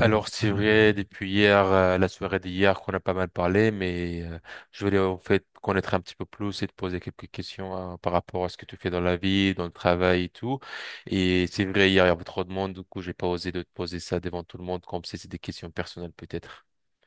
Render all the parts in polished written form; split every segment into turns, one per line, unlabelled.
Alors, c'est vrai, depuis hier, la soirée d'hier, qu'on a pas mal parlé, je voulais en fait connaître un petit peu plus et te poser quelques questions par rapport à ce que tu fais dans la vie, dans le travail et tout. Et c'est vrai, hier, il y avait trop de monde, du coup, j'ai pas osé de te poser ça devant tout le monde, comme si c'était des questions personnelles peut-être.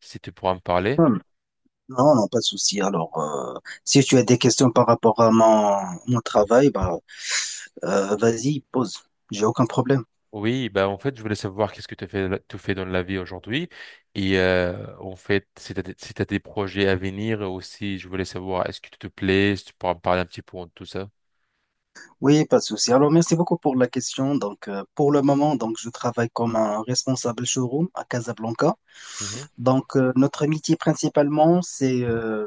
Si tu pourras me parler.
Hum, Non, non, pas de souci. Alors, si tu as des questions par rapport à mon travail, vas-y, pose. J'ai aucun problème.
Oui, bah en fait, je voulais savoir qu'est-ce que tu fais dans la vie aujourd'hui en fait, si tu si t'as des projets à venir aussi, je voulais savoir est-ce que tu te plais, si tu pourras me parler un petit peu de tout ça.
Oui, pas de souci. Alors, merci beaucoup pour la question. Donc, pour le moment, donc, je travaille comme un responsable showroom à Casablanca.
Mm-hmm.
Donc, notre métier principalement, c'est euh,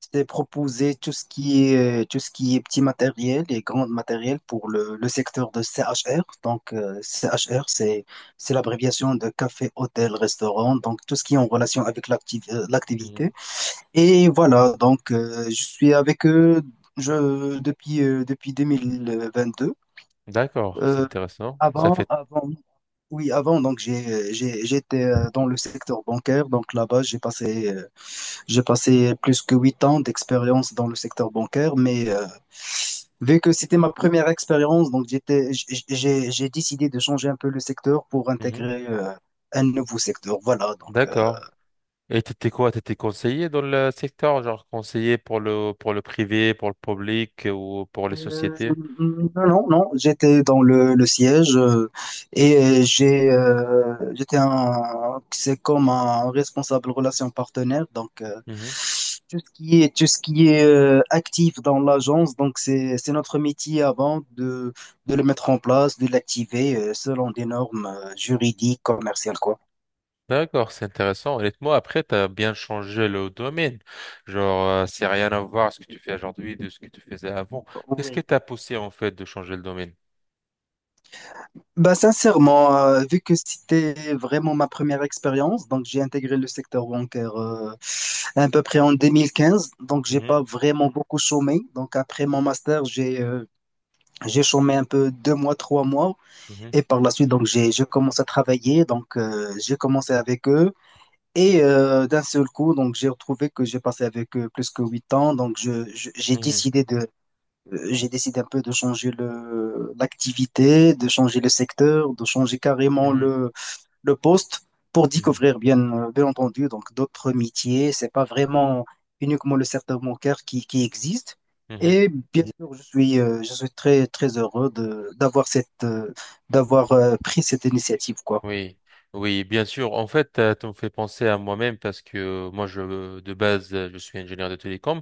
C'était proposer tout ce qui est, tout ce qui est petit matériel et grand matériel pour le secteur de CHR. Donc, CHR, c'est l'abréviation de café, hôtel, restaurant. Donc, tout ce qui est en relation avec l'activité.
Mhm.
Et voilà, donc, je suis avec eux depuis, depuis 2022.
D'accord, c'est
Euh,
intéressant. Ça
avant,
fait.
avant, oui, avant, donc, j'étais dans le secteur bancaire. Donc, là-bas, j'ai passé plus que 8 ans d'expérience dans le secteur bancaire, mais vu que c'était ma première expérience, donc j'ai décidé de changer un peu le secteur pour
Mhm.
intégrer un nouveau secteur. Voilà, donc
D'accord. Et t'étais quoi? T'étais conseiller dans le secteur, genre conseiller pour le privé, pour le public ou pour les
Euh,
sociétés?
non, non, non, j'étais dans le siège et j'étais un c'est comme un responsable relation partenaire donc
Mhm.
tout ce qui est tout ce qui est actif dans l'agence donc c'est notre métier avant de le mettre en place, de l'activer selon des normes juridiques, commerciales quoi.
D'accord, c'est intéressant. Honnêtement, après, t'as bien changé le domaine. Genre, c'est rien à voir ce que tu fais aujourd'hui de ce que tu faisais avant. Qu'est-ce qui
Oui.
t'a poussé en fait de changer le domaine?
Bah, sincèrement, vu que c'était vraiment ma première expérience, donc j'ai intégré le secteur bancaire à peu près en 2015, donc j'ai pas
Mhm.
vraiment beaucoup chômé. Donc après mon master, j'ai chômé un peu 2 mois, 3 mois,
Mhm.
et par la suite, donc j'ai je commence à travailler. Donc j'ai commencé avec eux et d'un seul coup, donc j'ai retrouvé que j'ai passé avec eux plus que 8 ans. Donc j'ai
Mhm.
décidé de J'ai décidé un peu de changer l'activité, de changer le secteur, de changer carrément
Mhm.
le poste pour
Mhm.
découvrir, bien, bien entendu, donc d'autres métiers. C'est pas vraiment uniquement le secteur bancaire qui existe.
Mhm.
Et bien sûr, je suis très, très heureux de, d'avoir pris cette initiative, quoi.
Oui, oui, bien sûr. En fait, tu me fais penser à moi-même parce que moi, je, de base, je suis ingénieur de télécom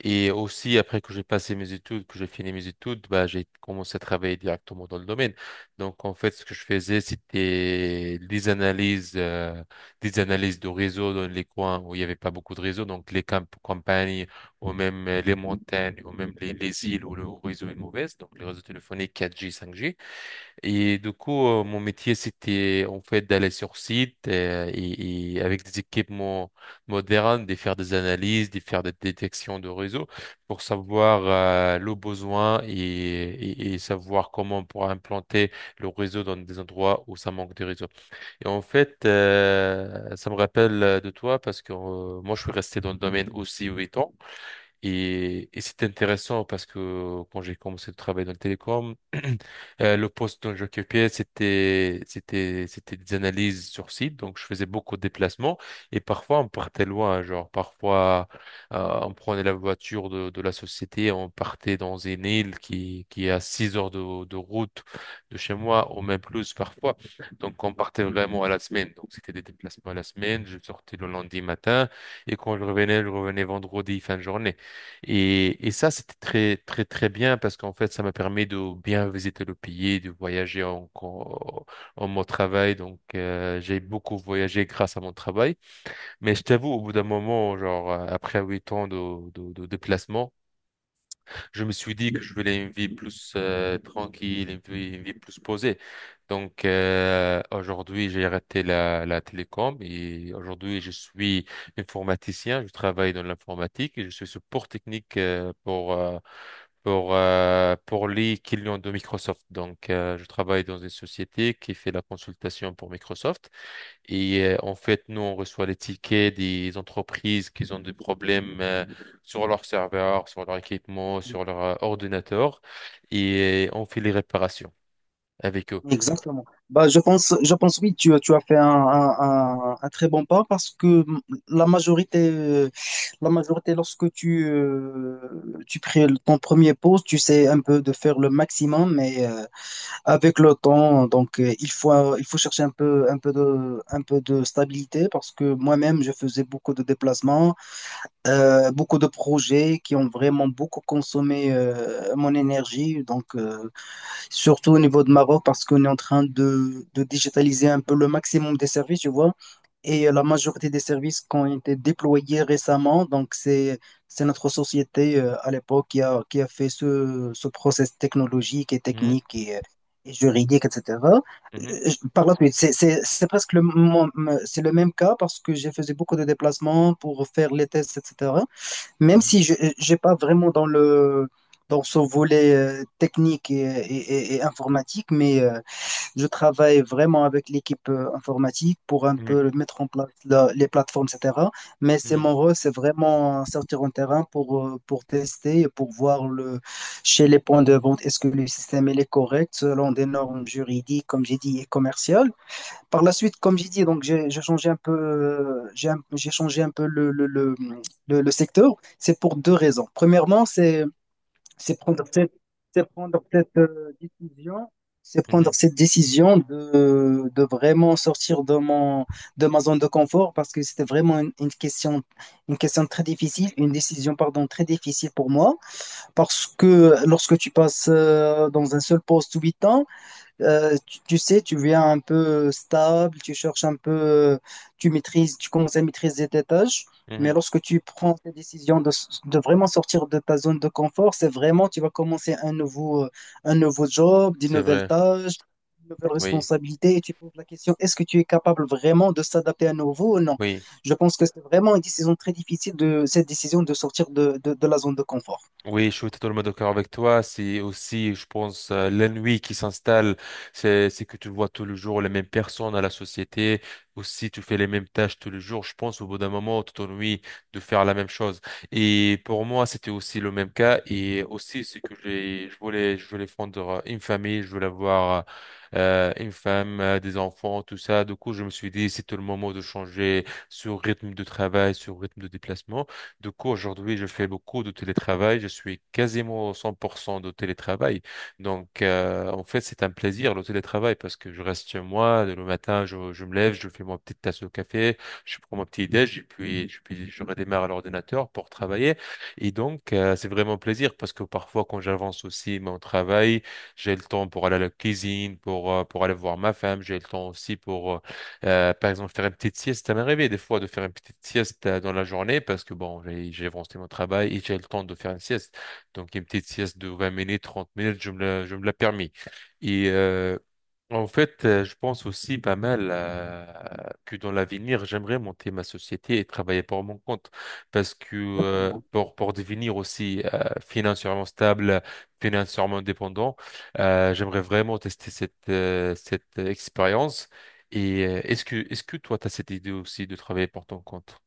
et aussi après que j'ai passé mes études, que j'ai fini mes études, bah, j'ai commencé à travailler directement dans le domaine. Donc, en fait, ce que je faisais, c'était des analyses de réseaux dans les coins où il n'y avait pas beaucoup de réseaux, donc les campagnes ou même les montagnes ou même les îles où le réseau est mauvais, donc les réseaux téléphoniques 4G, 5G. Et du coup, mon métier, c'était en fait d'aller sur site et avec des équipements modernes, de faire des analyses, de faire des détections de réseau pour savoir le besoin et savoir comment on pourra implanter le réseau dans des endroits où ça manque de réseau. Et en fait, ça me rappelle de toi parce que moi, je suis resté dans le domaine aussi 8 ans. Et c'est intéressant parce que quand j'ai commencé de travailler dans le télécom, le poste dont j'occupais, c'était des analyses sur site. Donc, je faisais beaucoup de déplacements et parfois on partait loin. Genre, parfois, on prenait la voiture de la société, on partait dans une île qui est à 6 heures de route de chez moi ou même plus parfois. Donc, on partait vraiment à la semaine. Donc, c'était des déplacements à la semaine. Je sortais le lundi matin et quand je revenais vendredi fin de journée. Et ça, c'était très, très, très bien parce qu'en fait, ça m'a permis de bien visiter le pays, de voyager en mon travail. Donc, j'ai beaucoup voyagé grâce à mon travail. Mais je t'avoue, au bout d'un moment, genre, après 8 ans de déplacement, je me suis dit que je voulais une vie plus tranquille, une vie plus posée. Donc aujourd'hui, j'ai arrêté la télécom et aujourd'hui, je suis informaticien. Je travaille dans l'informatique et je suis support technique pour pour les clients de Microsoft. Donc je travaille dans une société qui fait la consultation pour Microsoft. Et en fait, nous, on reçoit les tickets des entreprises qui ont des problèmes sur leur serveur, sur leur équipement, sur leur ordinateur. Et on fait les réparations avec eux.
Exactement. Bah, je pense oui, tu as fait un très bon pas parce que la majorité, euh, la majorité lorsque tu crées ton premier poste, tu sais un peu de faire le maximum, mais avec le temps, donc il faut chercher un peu de stabilité parce que moi-même, je faisais beaucoup de déplacements, beaucoup de projets qui ont vraiment beaucoup consommé mon énergie, donc. Surtout au niveau de Maroc, parce qu'on est en train de digitaliser un peu le maximum des services, tu vois. Et la majorité des services qui ont été déployés récemment, donc c'est notre société à l'époque qui a fait ce process technologique et
Mhm,
technique et et juridique, etc.
mhm,
Par la suite, c'est presque c'est le même cas parce que j'ai fait beaucoup de déplacements pour faire les tests, etc. Même si je n'ai pas vraiment dans le dans ce volet technique et et informatique, mais je travaille vraiment avec l'équipe informatique pour un
mhm,
peu mettre en place les plateformes, etc. Mais c'est
mhm,
mon rôle, c'est vraiment sortir en terrain pour tester et pour voir chez les points de vente, est-ce que le système il est correct selon des normes juridiques, comme j'ai dit, et commerciales. Par la suite, comme j'ai dit, donc j'ai changé un peu, j'ai changé un peu le secteur. C'est pour deux raisons. Premièrement, c'est prendre cette, c'est prendre c'est prendre
mhm,
cette décision de vraiment sortir de mon de ma zone de confort parce que c'était vraiment une question très difficile, une décision pardon très difficile pour moi parce que lorsque tu passes dans un seul poste 8 ans. Tu sais, tu viens un peu stable, tu cherches un peu, tu commences à maîtriser tes tâches,
mhm,
mais
mhm.
lorsque tu prends tes décisions de vraiment sortir de ta zone de confort, c'est vraiment, tu vas commencer un nouveau job, des
C'est
nouvelles
vrai.
tâches, des nouvelles
Oui,
responsabilités, et tu poses la question, est-ce que tu es capable vraiment de s'adapter à nouveau ou non?
oui.
Je pense que c'est vraiment une décision très difficile de cette décision de sortir de la zone de confort.
Oui, je suis totalement d'accord avec toi. C'est aussi, je pense, l'ennui qui s'installe. C'est que tu vois tous les jours les mêmes personnes à la société. Aussi, tu fais les mêmes tâches tous les jours. Je pense, au bout d'un moment, tu t'ennuies de faire la même chose. Et pour moi, c'était aussi le même cas. Et aussi, c'est que je voulais fonder une famille. Je voulais avoir une femme, des enfants, tout ça. Du coup, je me suis dit, c'est le moment de changer ce rythme de travail, ce rythme de déplacement. Du coup, aujourd'hui, je fais beaucoup de télétravail. Je suis quasiment 100% de télétravail. Donc, en fait, c'est un plaisir, le télétravail, parce que je reste chez moi. Le matin, je me lève, je fais ma petite tasse de café, je prends mon petit déj, et puis, puis je redémarre à l'ordinateur pour travailler. Et donc, c'est vraiment un plaisir, parce que parfois, quand j'avance aussi mon travail, j'ai le temps pour aller à la cuisine, pour aller voir ma femme. J'ai le temps aussi pour, par exemple, faire une petite sieste, ça m'est arrivé des fois de faire une petite sieste dans la journée parce que bon, j'ai avancé mon travail et j'ai le temps de faire une sieste. Donc, une petite sieste de 20 minutes, 30 minutes, je me la permis. Et euh, en fait, je pense aussi pas mal que dans l'avenir, j'aimerais monter ma société et travailler pour mon compte parce que
Exactement.
pour devenir aussi financièrement stable, financièrement indépendant, j'aimerais vraiment tester cette expérience et est-ce que toi, tu as cette idée aussi de travailler pour ton compte?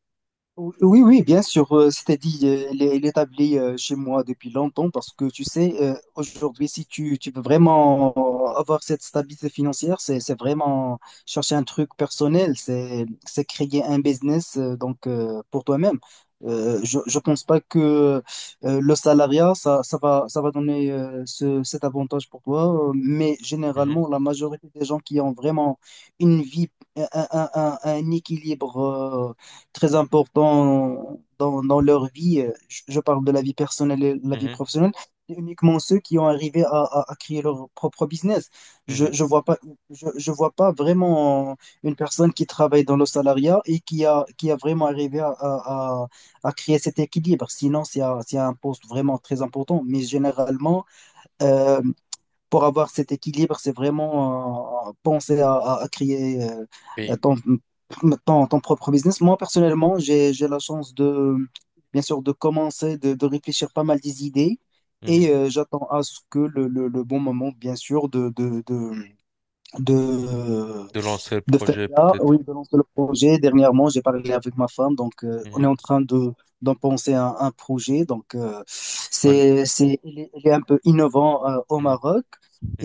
Oui, oui, bien sûr. C'est-à-dire, elle est établie chez moi depuis longtemps parce que tu sais, aujourd'hui, si tu, tu veux vraiment avoir cette stabilité financière, c'est vraiment chercher un truc personnel, c'est créer un business pour toi-même. Je ne pense pas que le salariat, ça va donner cet avantage pour toi, mais
Mhm,
généralement, la majorité des gens qui ont vraiment une vie, un, un équilibre très important dans, dans leur vie. Je parle de la vie personnelle et la vie
mhm,
professionnelle. C'est uniquement ceux qui ont arrivé à créer leur propre business. Je,
mhm,
je vois pas, je vois pas vraiment une personne qui travaille dans le salariat et qui a vraiment arrivé à créer cet équilibre. Sinon, c'est un poste vraiment très important. Mais généralement, euh, pour avoir cet équilibre, c'est vraiment penser à créer euh,
Et
ton, ton propre business. Moi, personnellement, j'ai la chance de, bien sûr, de commencer, de réfléchir pas mal des idées
mhm.
et j'attends à ce que le bon moment, bien sûr, de,
De lancer le
de faire
projet
ça oui,
peut-être?
de lancer le projet. Dernièrement, j'ai parlé avec ma femme, donc on est
Mhm,
en train de d'en penser un projet. Donc,
En-
il est un peu innovant au
mhm,
Maroc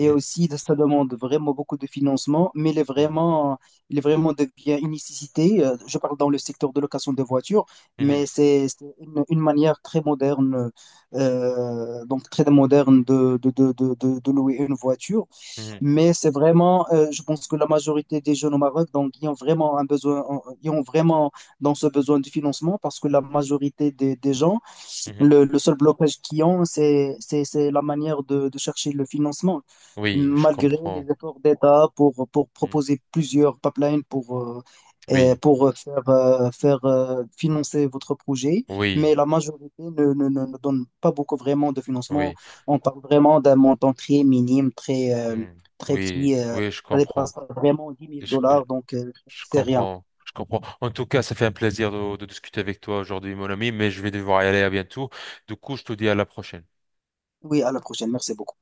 et aussi ça demande vraiment beaucoup de financement,
mhm,
il est vraiment devient une nécessité. Je parle dans le secteur de location de voitures, mais une manière très moderne, très moderne de louer une voiture.
mhm,
Mais c'est vraiment, je pense que la majorité des jeunes au Maroc, donc, ils ont vraiment un besoin, ils ont vraiment dans ce besoin de financement parce que la majorité des gens,
mhm, mhm,
le seul blocage qu'ils ont, c'est la manière de chercher le financement.
Oui, je
Malgré les
comprends.
efforts d'État pour
Mhm,
proposer plusieurs pipelines
oui,
pour faire, faire financer votre projet,
oui,
mais la majorité ne donne pas beaucoup vraiment de financement.
oui,
On parle vraiment d'un montant très minime,
mhm,
très
oui,
petit.
oui, je
Ça dépasse
comprends.
vraiment dix
Et
mille
Je, je-
dollars, donc
je
c'est rien.
comprends. Je comprends. En tout cas, ça fait un plaisir de discuter avec toi aujourd'hui, mon ami, mais je vais devoir y aller à bientôt. Du coup, je te dis à la prochaine.
Oui, à la prochaine. Merci beaucoup.